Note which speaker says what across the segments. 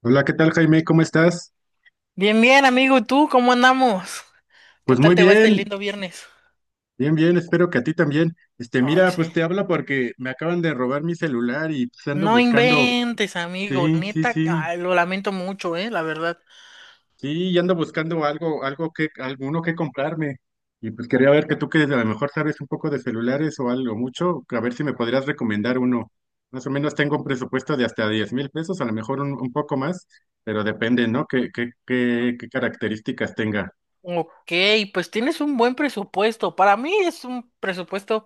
Speaker 1: Hola, ¿qué tal, Jaime? ¿Cómo estás?
Speaker 2: Bien, bien, amigo, ¿y tú cómo andamos? ¿Qué
Speaker 1: Pues muy
Speaker 2: tal te va este
Speaker 1: bien,
Speaker 2: lindo viernes?
Speaker 1: bien, bien, espero que a ti también.
Speaker 2: Ay,
Speaker 1: Mira, pues
Speaker 2: sí.
Speaker 1: te habla porque me acaban de robar mi celular y pues ando
Speaker 2: No
Speaker 1: buscando,
Speaker 2: inventes, amigo,
Speaker 1: sí, sí,
Speaker 2: neta,
Speaker 1: sí,
Speaker 2: ay, lo lamento mucho, la verdad.
Speaker 1: sí, y ando buscando algo, alguno que comprarme. Y pues quería ver que tú que a lo mejor sabes un poco de celulares o algo mucho, a ver si me podrías recomendar uno. Más o menos tengo un presupuesto de hasta 10,000 pesos, a lo mejor un poco más, pero depende, ¿no? ¿Qué características tenga?
Speaker 2: Ok, pues tienes un buen presupuesto. Para mí es un presupuesto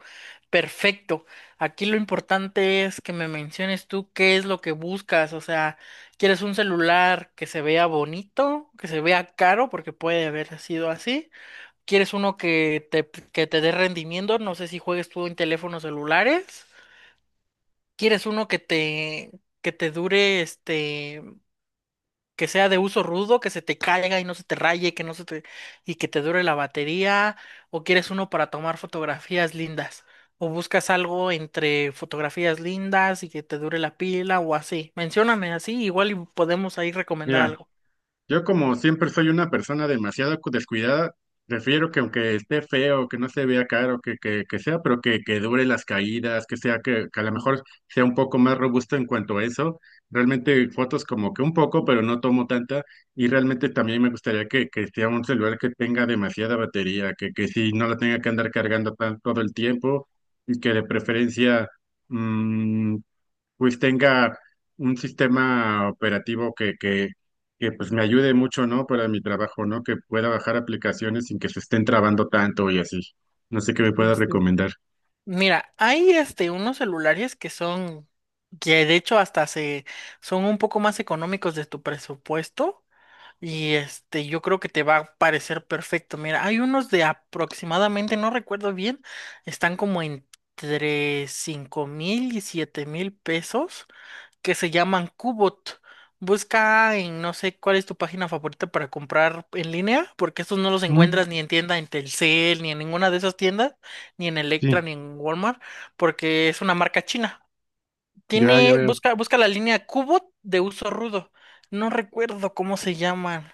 Speaker 2: perfecto. Aquí lo importante es que me menciones tú qué es lo que buscas. O sea, ¿quieres un celular que se vea bonito, que se vea caro, porque puede haber sido así? ¿Quieres uno que te dé rendimiento? No sé si juegues tú en teléfonos celulares. ¿Quieres uno que te dure, que sea de uso rudo, que se te caiga y no se te raye, que no se te, y que te dure la batería? ¿O quieres uno para tomar fotografías lindas? ¿O buscas algo entre fotografías lindas y que te dure la pila o así? Mencióname así, igual y podemos ahí recomendar
Speaker 1: Mira,
Speaker 2: algo.
Speaker 1: yo como siempre soy una persona demasiado descuidada, prefiero que aunque esté feo, que no se vea caro, que sea, pero que dure las caídas, que a lo mejor sea un poco más robusto en cuanto a eso. Realmente fotos como que un poco, pero no tomo tanta. Y realmente también me gustaría que sea un celular que tenga demasiada batería, que sí no la tenga que andar cargando todo el tiempo y que de preferencia, mm, pues tenga un sistema operativo que pues me ayude mucho, ¿no? Para mi trabajo, ¿no? Que pueda bajar aplicaciones sin que se estén trabando tanto y así. No sé qué me pueda
Speaker 2: Tienes que-
Speaker 1: recomendar.
Speaker 2: Mira, hay unos celulares que son, que de hecho hasta se son un poco más económicos de tu presupuesto y yo creo que te va a parecer perfecto. Mira, hay unos de aproximadamente, no recuerdo bien, están como entre 5,000 y $7,000 que se llaman Qbot. Busca en no sé cuál es tu página favorita para comprar en línea, porque estos no los encuentras
Speaker 1: Mm,
Speaker 2: ni en tienda en Telcel, ni en ninguna de esas tiendas, ni en
Speaker 1: sí,
Speaker 2: Electra, ni en Walmart, porque es una marca china.
Speaker 1: ya, ya veo.
Speaker 2: Busca la línea Qbot de uso rudo. No recuerdo cómo se llaman.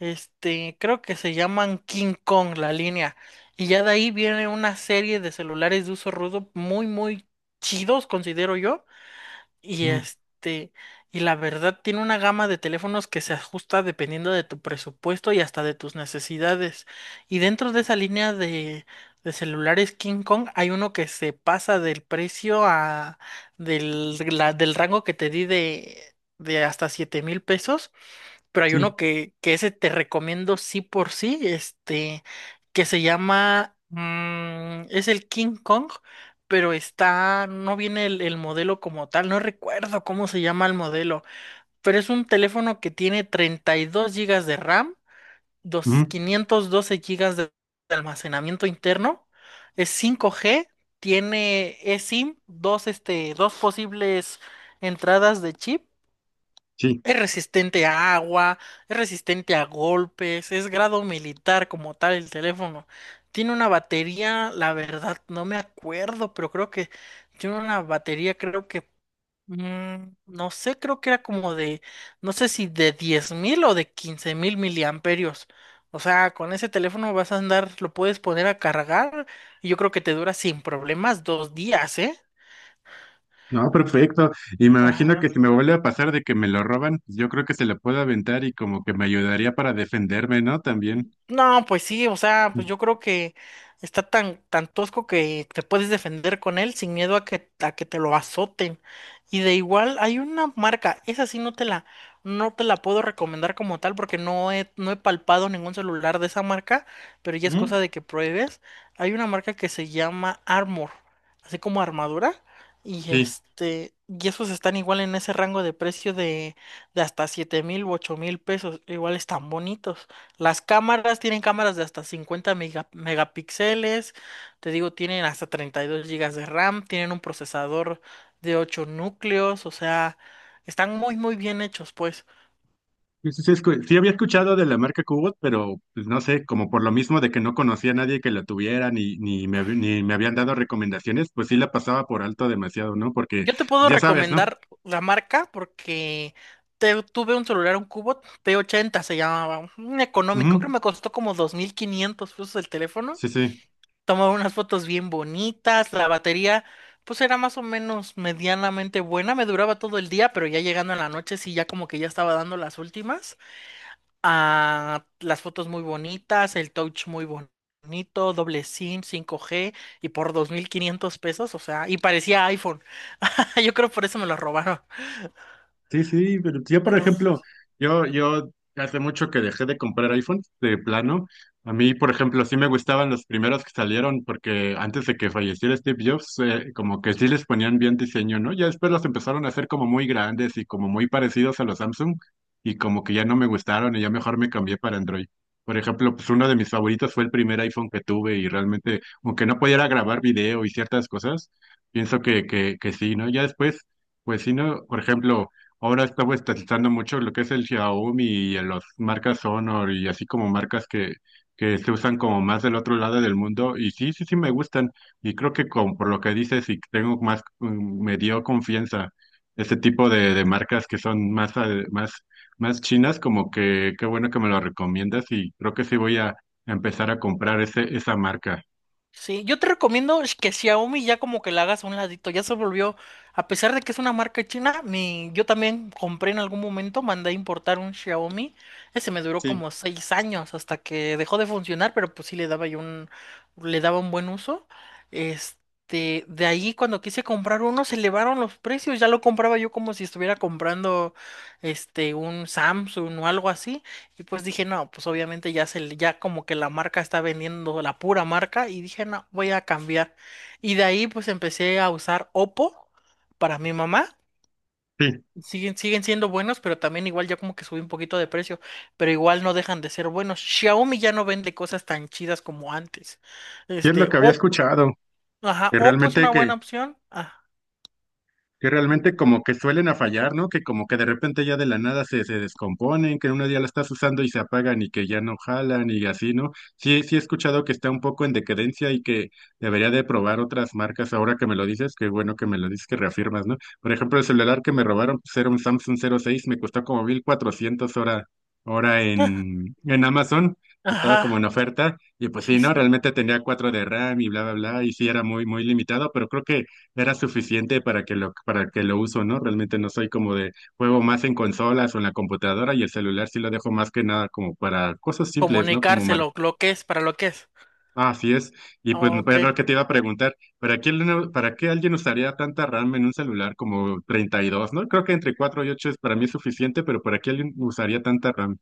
Speaker 2: Creo que se llaman King Kong la línea. Y ya de ahí viene una serie de celulares de uso rudo muy, muy chidos, considero yo, y
Speaker 1: Mm,
Speaker 2: y la verdad tiene una gama de teléfonos que se ajusta dependiendo de tu presupuesto y hasta de tus necesidades. Y dentro de esa línea de celulares King Kong hay uno que se pasa del precio del rango que te di de hasta $7,000, pero hay
Speaker 1: sí,
Speaker 2: uno que ese te recomiendo sí por sí, que se llama, es el King Kong, pero está, no viene el modelo como tal, no recuerdo cómo se llama el modelo, pero es un teléfono que tiene 32 gigas de RAM,
Speaker 1: mm,
Speaker 2: 512 GB de almacenamiento interno, es 5G, tiene eSIM, dos posibles entradas de chip,
Speaker 1: sí.
Speaker 2: es resistente a agua, es resistente a golpes, es grado militar como tal el teléfono. Tiene una batería, la verdad, no me acuerdo, pero creo que tiene una batería, creo que, no sé, creo que era como de, no sé si de 10,000 o de 15,000 miliamperios. O sea, con ese teléfono vas a andar, lo puedes poner a cargar y yo creo que te dura sin problemas 2 días, ¿eh?
Speaker 1: No, perfecto. Y me imagino que
Speaker 2: Ajá.
Speaker 1: si me vuelve a pasar de que me lo roban, pues yo creo que se lo puedo aventar y como que me ayudaría para defenderme, ¿no? También.
Speaker 2: No, pues sí, o sea, pues yo creo que está tan, tan tosco que te puedes defender con él sin miedo a que te lo azoten. Y de igual hay una marca, esa sí no te la puedo recomendar como tal porque no he palpado ningún celular de esa marca, pero ya es
Speaker 1: Mm,
Speaker 2: cosa de que pruebes. Hay una marca que se llama Armor, así como armadura, y
Speaker 1: sí.
Speaker 2: y esos están igual en ese rango de precio de hasta 7,000 u $8,000, igual están bonitos. Las cámaras tienen cámaras de hasta 50 megapíxeles, te digo, tienen hasta 32 gigas de RAM, tienen un procesador de 8 núcleos, o sea, están muy muy bien hechos, pues.
Speaker 1: Sí, sí, sí, sí había escuchado de la marca Cubot, pero pues no sé, como por lo mismo de que no conocía a nadie que la tuviera, ni me habían dado recomendaciones, pues sí la pasaba por alto demasiado, ¿no? Porque
Speaker 2: Yo te puedo
Speaker 1: ya sabes, ¿no?
Speaker 2: recomendar la marca porque tuve un celular, un Cubot P80 se llamaba, un económico,
Speaker 1: Ujú,
Speaker 2: creo que me costó como $2,500 el teléfono.
Speaker 1: sí, sí.
Speaker 2: Tomaba unas fotos bien bonitas, la batería pues era más o menos medianamente buena, me duraba todo el día, pero ya llegando en la noche sí ya como que ya estaba dando las últimas. Ah, las fotos muy bonitas, el touch muy bonito, doble SIM, 5G y por $2,500, o sea, y parecía iPhone. Yo creo por eso me lo robaron.
Speaker 1: Sí, sí, pero yo, por ejemplo, yo hace mucho que dejé de comprar iPhone de plano. A mí, por ejemplo, sí me gustaban los primeros que salieron porque antes de que falleciera Steve Jobs, como que sí les ponían bien diseño, ¿no? Ya después los empezaron a hacer como muy grandes y como muy parecidos a los Samsung y como que ya no me gustaron y ya mejor me cambié para Android. Por ejemplo, pues uno de mis favoritos fue el primer iPhone que tuve y realmente, aunque no pudiera grabar video y ciertas cosas, pienso que sí, ¿no? Ya después, pues sí, ¿no? Por ejemplo, ahora está estatizando mucho lo que es el Xiaomi y en las marcas Honor y así como marcas que se usan como más del otro lado del mundo. Y sí, sí, sí me gustan. Y creo que con, por lo que dices y tengo más, me dio confianza este tipo de marcas que son más, más, más chinas, como que qué bueno que me lo recomiendas y creo que sí voy a empezar a comprar esa marca.
Speaker 2: Sí, yo te recomiendo que Xiaomi ya como que la hagas a un ladito, ya se volvió, a pesar de que es una marca china, yo también compré en algún momento, mandé a importar un Xiaomi, ese me duró
Speaker 1: Sí,
Speaker 2: como 6 años hasta que dejó de funcionar, pero pues sí le daba un buen uso. De ahí cuando quise comprar uno se elevaron los precios, ya lo compraba yo como si estuviera comprando un Samsung o algo así, y pues dije, no, pues obviamente ya como que la marca está vendiendo la pura marca y dije, no, voy a cambiar. Y de ahí pues empecé a usar Oppo para mi mamá.
Speaker 1: sí.
Speaker 2: Siguen siendo buenos, pero también igual ya como que subí un poquito de precio, pero igual no dejan de ser buenos. Xiaomi ya no vende cosas tan chidas como antes.
Speaker 1: Y es lo que había
Speaker 2: Oppo,
Speaker 1: escuchado,
Speaker 2: ajá,
Speaker 1: que
Speaker 2: Oppo es
Speaker 1: realmente
Speaker 2: una buena
Speaker 1: que
Speaker 2: opción. Ah,
Speaker 1: que realmente como que suelen a fallar, ¿no? Que como que de repente ya de la nada se descomponen, que en unos días la estás usando y se apagan y que ya no jalan y así, ¿no? Sí, sí he escuchado que está un poco en decadencia y que debería de probar otras marcas ahora que me lo dices, qué bueno que me lo dices, que reafirmas, ¿no? Por ejemplo, el celular que me robaron, pues era un Samsung 06, me costó como 1,400 hora en Amazon. Estaba como en
Speaker 2: ajá,
Speaker 1: oferta, y pues sí,
Speaker 2: sí,
Speaker 1: ¿no?
Speaker 2: sí.
Speaker 1: Realmente tenía cuatro de RAM y bla, bla, bla, y sí era muy, muy limitado, pero creo que era suficiente para que lo uso, ¿no? Realmente no soy como de juego más en consolas o en la computadora y el celular sí lo dejo más que nada como para cosas simples, ¿no? Como mar...
Speaker 2: Comunicárselo, lo que es, para lo que es.
Speaker 1: Ah, así es. Y pues
Speaker 2: Ok.
Speaker 1: pues, lo que te iba a preguntar, ¿ para qué alguien usaría tanta RAM en un celular como 32, ¿no? Creo que entre 4 y 8 es para mí es suficiente, pero ¿para qué alguien usaría tanta RAM?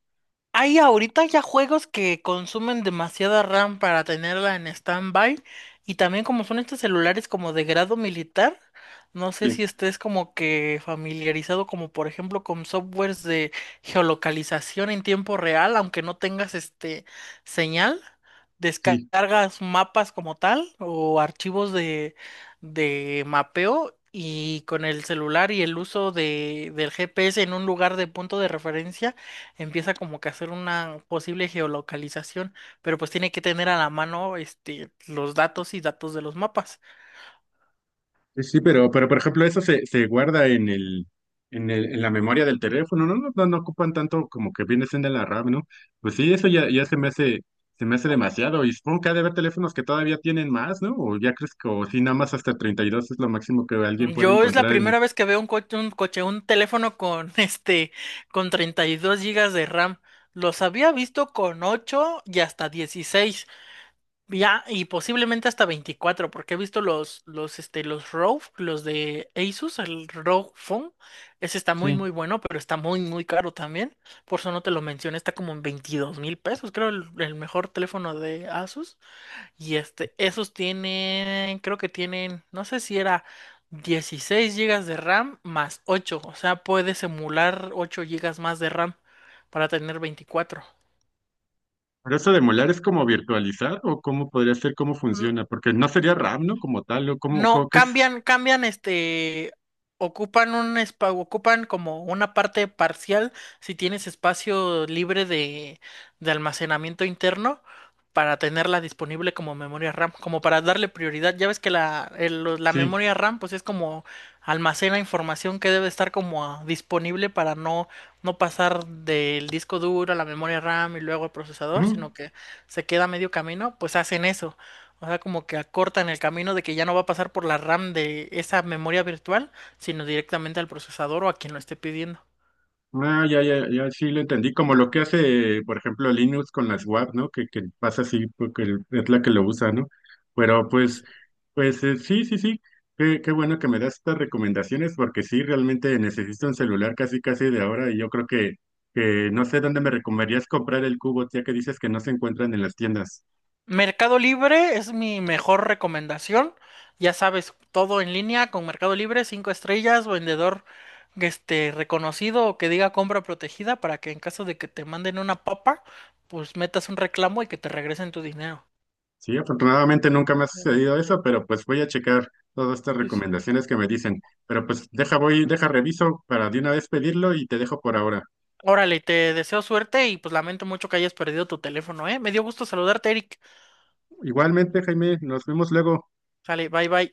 Speaker 2: Hay ahorita ya juegos que consumen demasiada RAM para tenerla en stand-by, y también como son estos celulares como de grado militar, no sé si
Speaker 1: Sí,
Speaker 2: estés como que familiarizado como por ejemplo con softwares de geolocalización en tiempo real, aunque no tengas señal,
Speaker 1: sí.
Speaker 2: descargas mapas como tal o archivos de mapeo. Y con el celular y el uso del GPS en un lugar de punto de referencia empieza como que a hacer una posible geolocalización, pero pues tiene que tener a la mano los datos y datos de los mapas.
Speaker 1: Sí, sí, pero por ejemplo, eso se guarda en el, en la memoria del teléfono, ¿no? No, no, no ocupan tanto como que viene siendo la RAM, ¿no? Pues sí, eso ya se me hace demasiado. Y supongo que ha de haber teléfonos que todavía tienen más, ¿no? O ya crees que, o sí, nada más hasta 32 es lo máximo que alguien puede
Speaker 2: Yo es la
Speaker 1: encontrar en.
Speaker 2: primera vez que veo un teléfono con con 32 gigas de RAM. Los había visto con 8 y hasta 16. Ya, y posiblemente hasta 24, porque he visto los ROG, los de Asus, el ROG Phone. Ese está muy,
Speaker 1: Sí.
Speaker 2: muy bueno, pero está muy, muy caro también. Por eso no te lo mencioné, está como en $22,000, creo, el mejor teléfono de Asus. Y esos tienen, creo que tienen, no sé si era 16 gigas de RAM más 8, o sea, puedes emular 8 gigas más de RAM para tener 24.
Speaker 1: Pero eso de molar es como virtualizar, o cómo podría ser, cómo funciona, porque no sería RAM, ¿no? Como tal, o cómo,
Speaker 2: No,
Speaker 1: cómo que es.
Speaker 2: cambian, ocupan como una parte parcial si tienes espacio libre de almacenamiento interno, para tenerla disponible como memoria RAM, como para darle prioridad. Ya ves que la
Speaker 1: Sí.
Speaker 2: memoria RAM pues es como, almacena información que debe estar como disponible para no pasar del disco duro a la memoria RAM y luego al procesador, sino
Speaker 1: Ujú.
Speaker 2: que se queda a medio camino, pues hacen eso. O sea, como que acortan el camino de que ya no va a pasar por la RAM de esa memoria virtual, sino directamente al procesador o a quien lo esté pidiendo.
Speaker 1: Ah, ya, ya, ya, sí lo entendí. Como lo que hace, por ejemplo, Linux con las WAP, ¿no? Que pasa así porque es la que lo usa, ¿no? Pero pues, pues sí, sí, sí. Qué bueno que me das estas recomendaciones porque sí, realmente necesito un celular casi, casi de ahora y yo creo que, no sé dónde me recomendarías comprar el cubo, ya que dices que no se encuentran en las tiendas.
Speaker 2: Mercado Libre es mi mejor recomendación. Ya sabes, todo en línea con Mercado Libre, cinco estrellas, vendedor reconocido o que diga compra protegida, para que en caso de que te manden una papa, pues metas un reclamo y que te regresen tu dinero.
Speaker 1: Sí, afortunadamente nunca me ha
Speaker 2: Ujú,
Speaker 1: sucedido eso, pero pues voy a checar todas estas
Speaker 2: sí, sí.
Speaker 1: recomendaciones que me dicen. Pero pues deja, reviso para de una vez pedirlo y te dejo por ahora.
Speaker 2: Órale, te deseo suerte y pues lamento mucho que hayas perdido tu teléfono, ¿eh? Me dio gusto saludarte, Eric.
Speaker 1: Igualmente, Jaime, nos vemos luego.
Speaker 2: Sale, bye bye.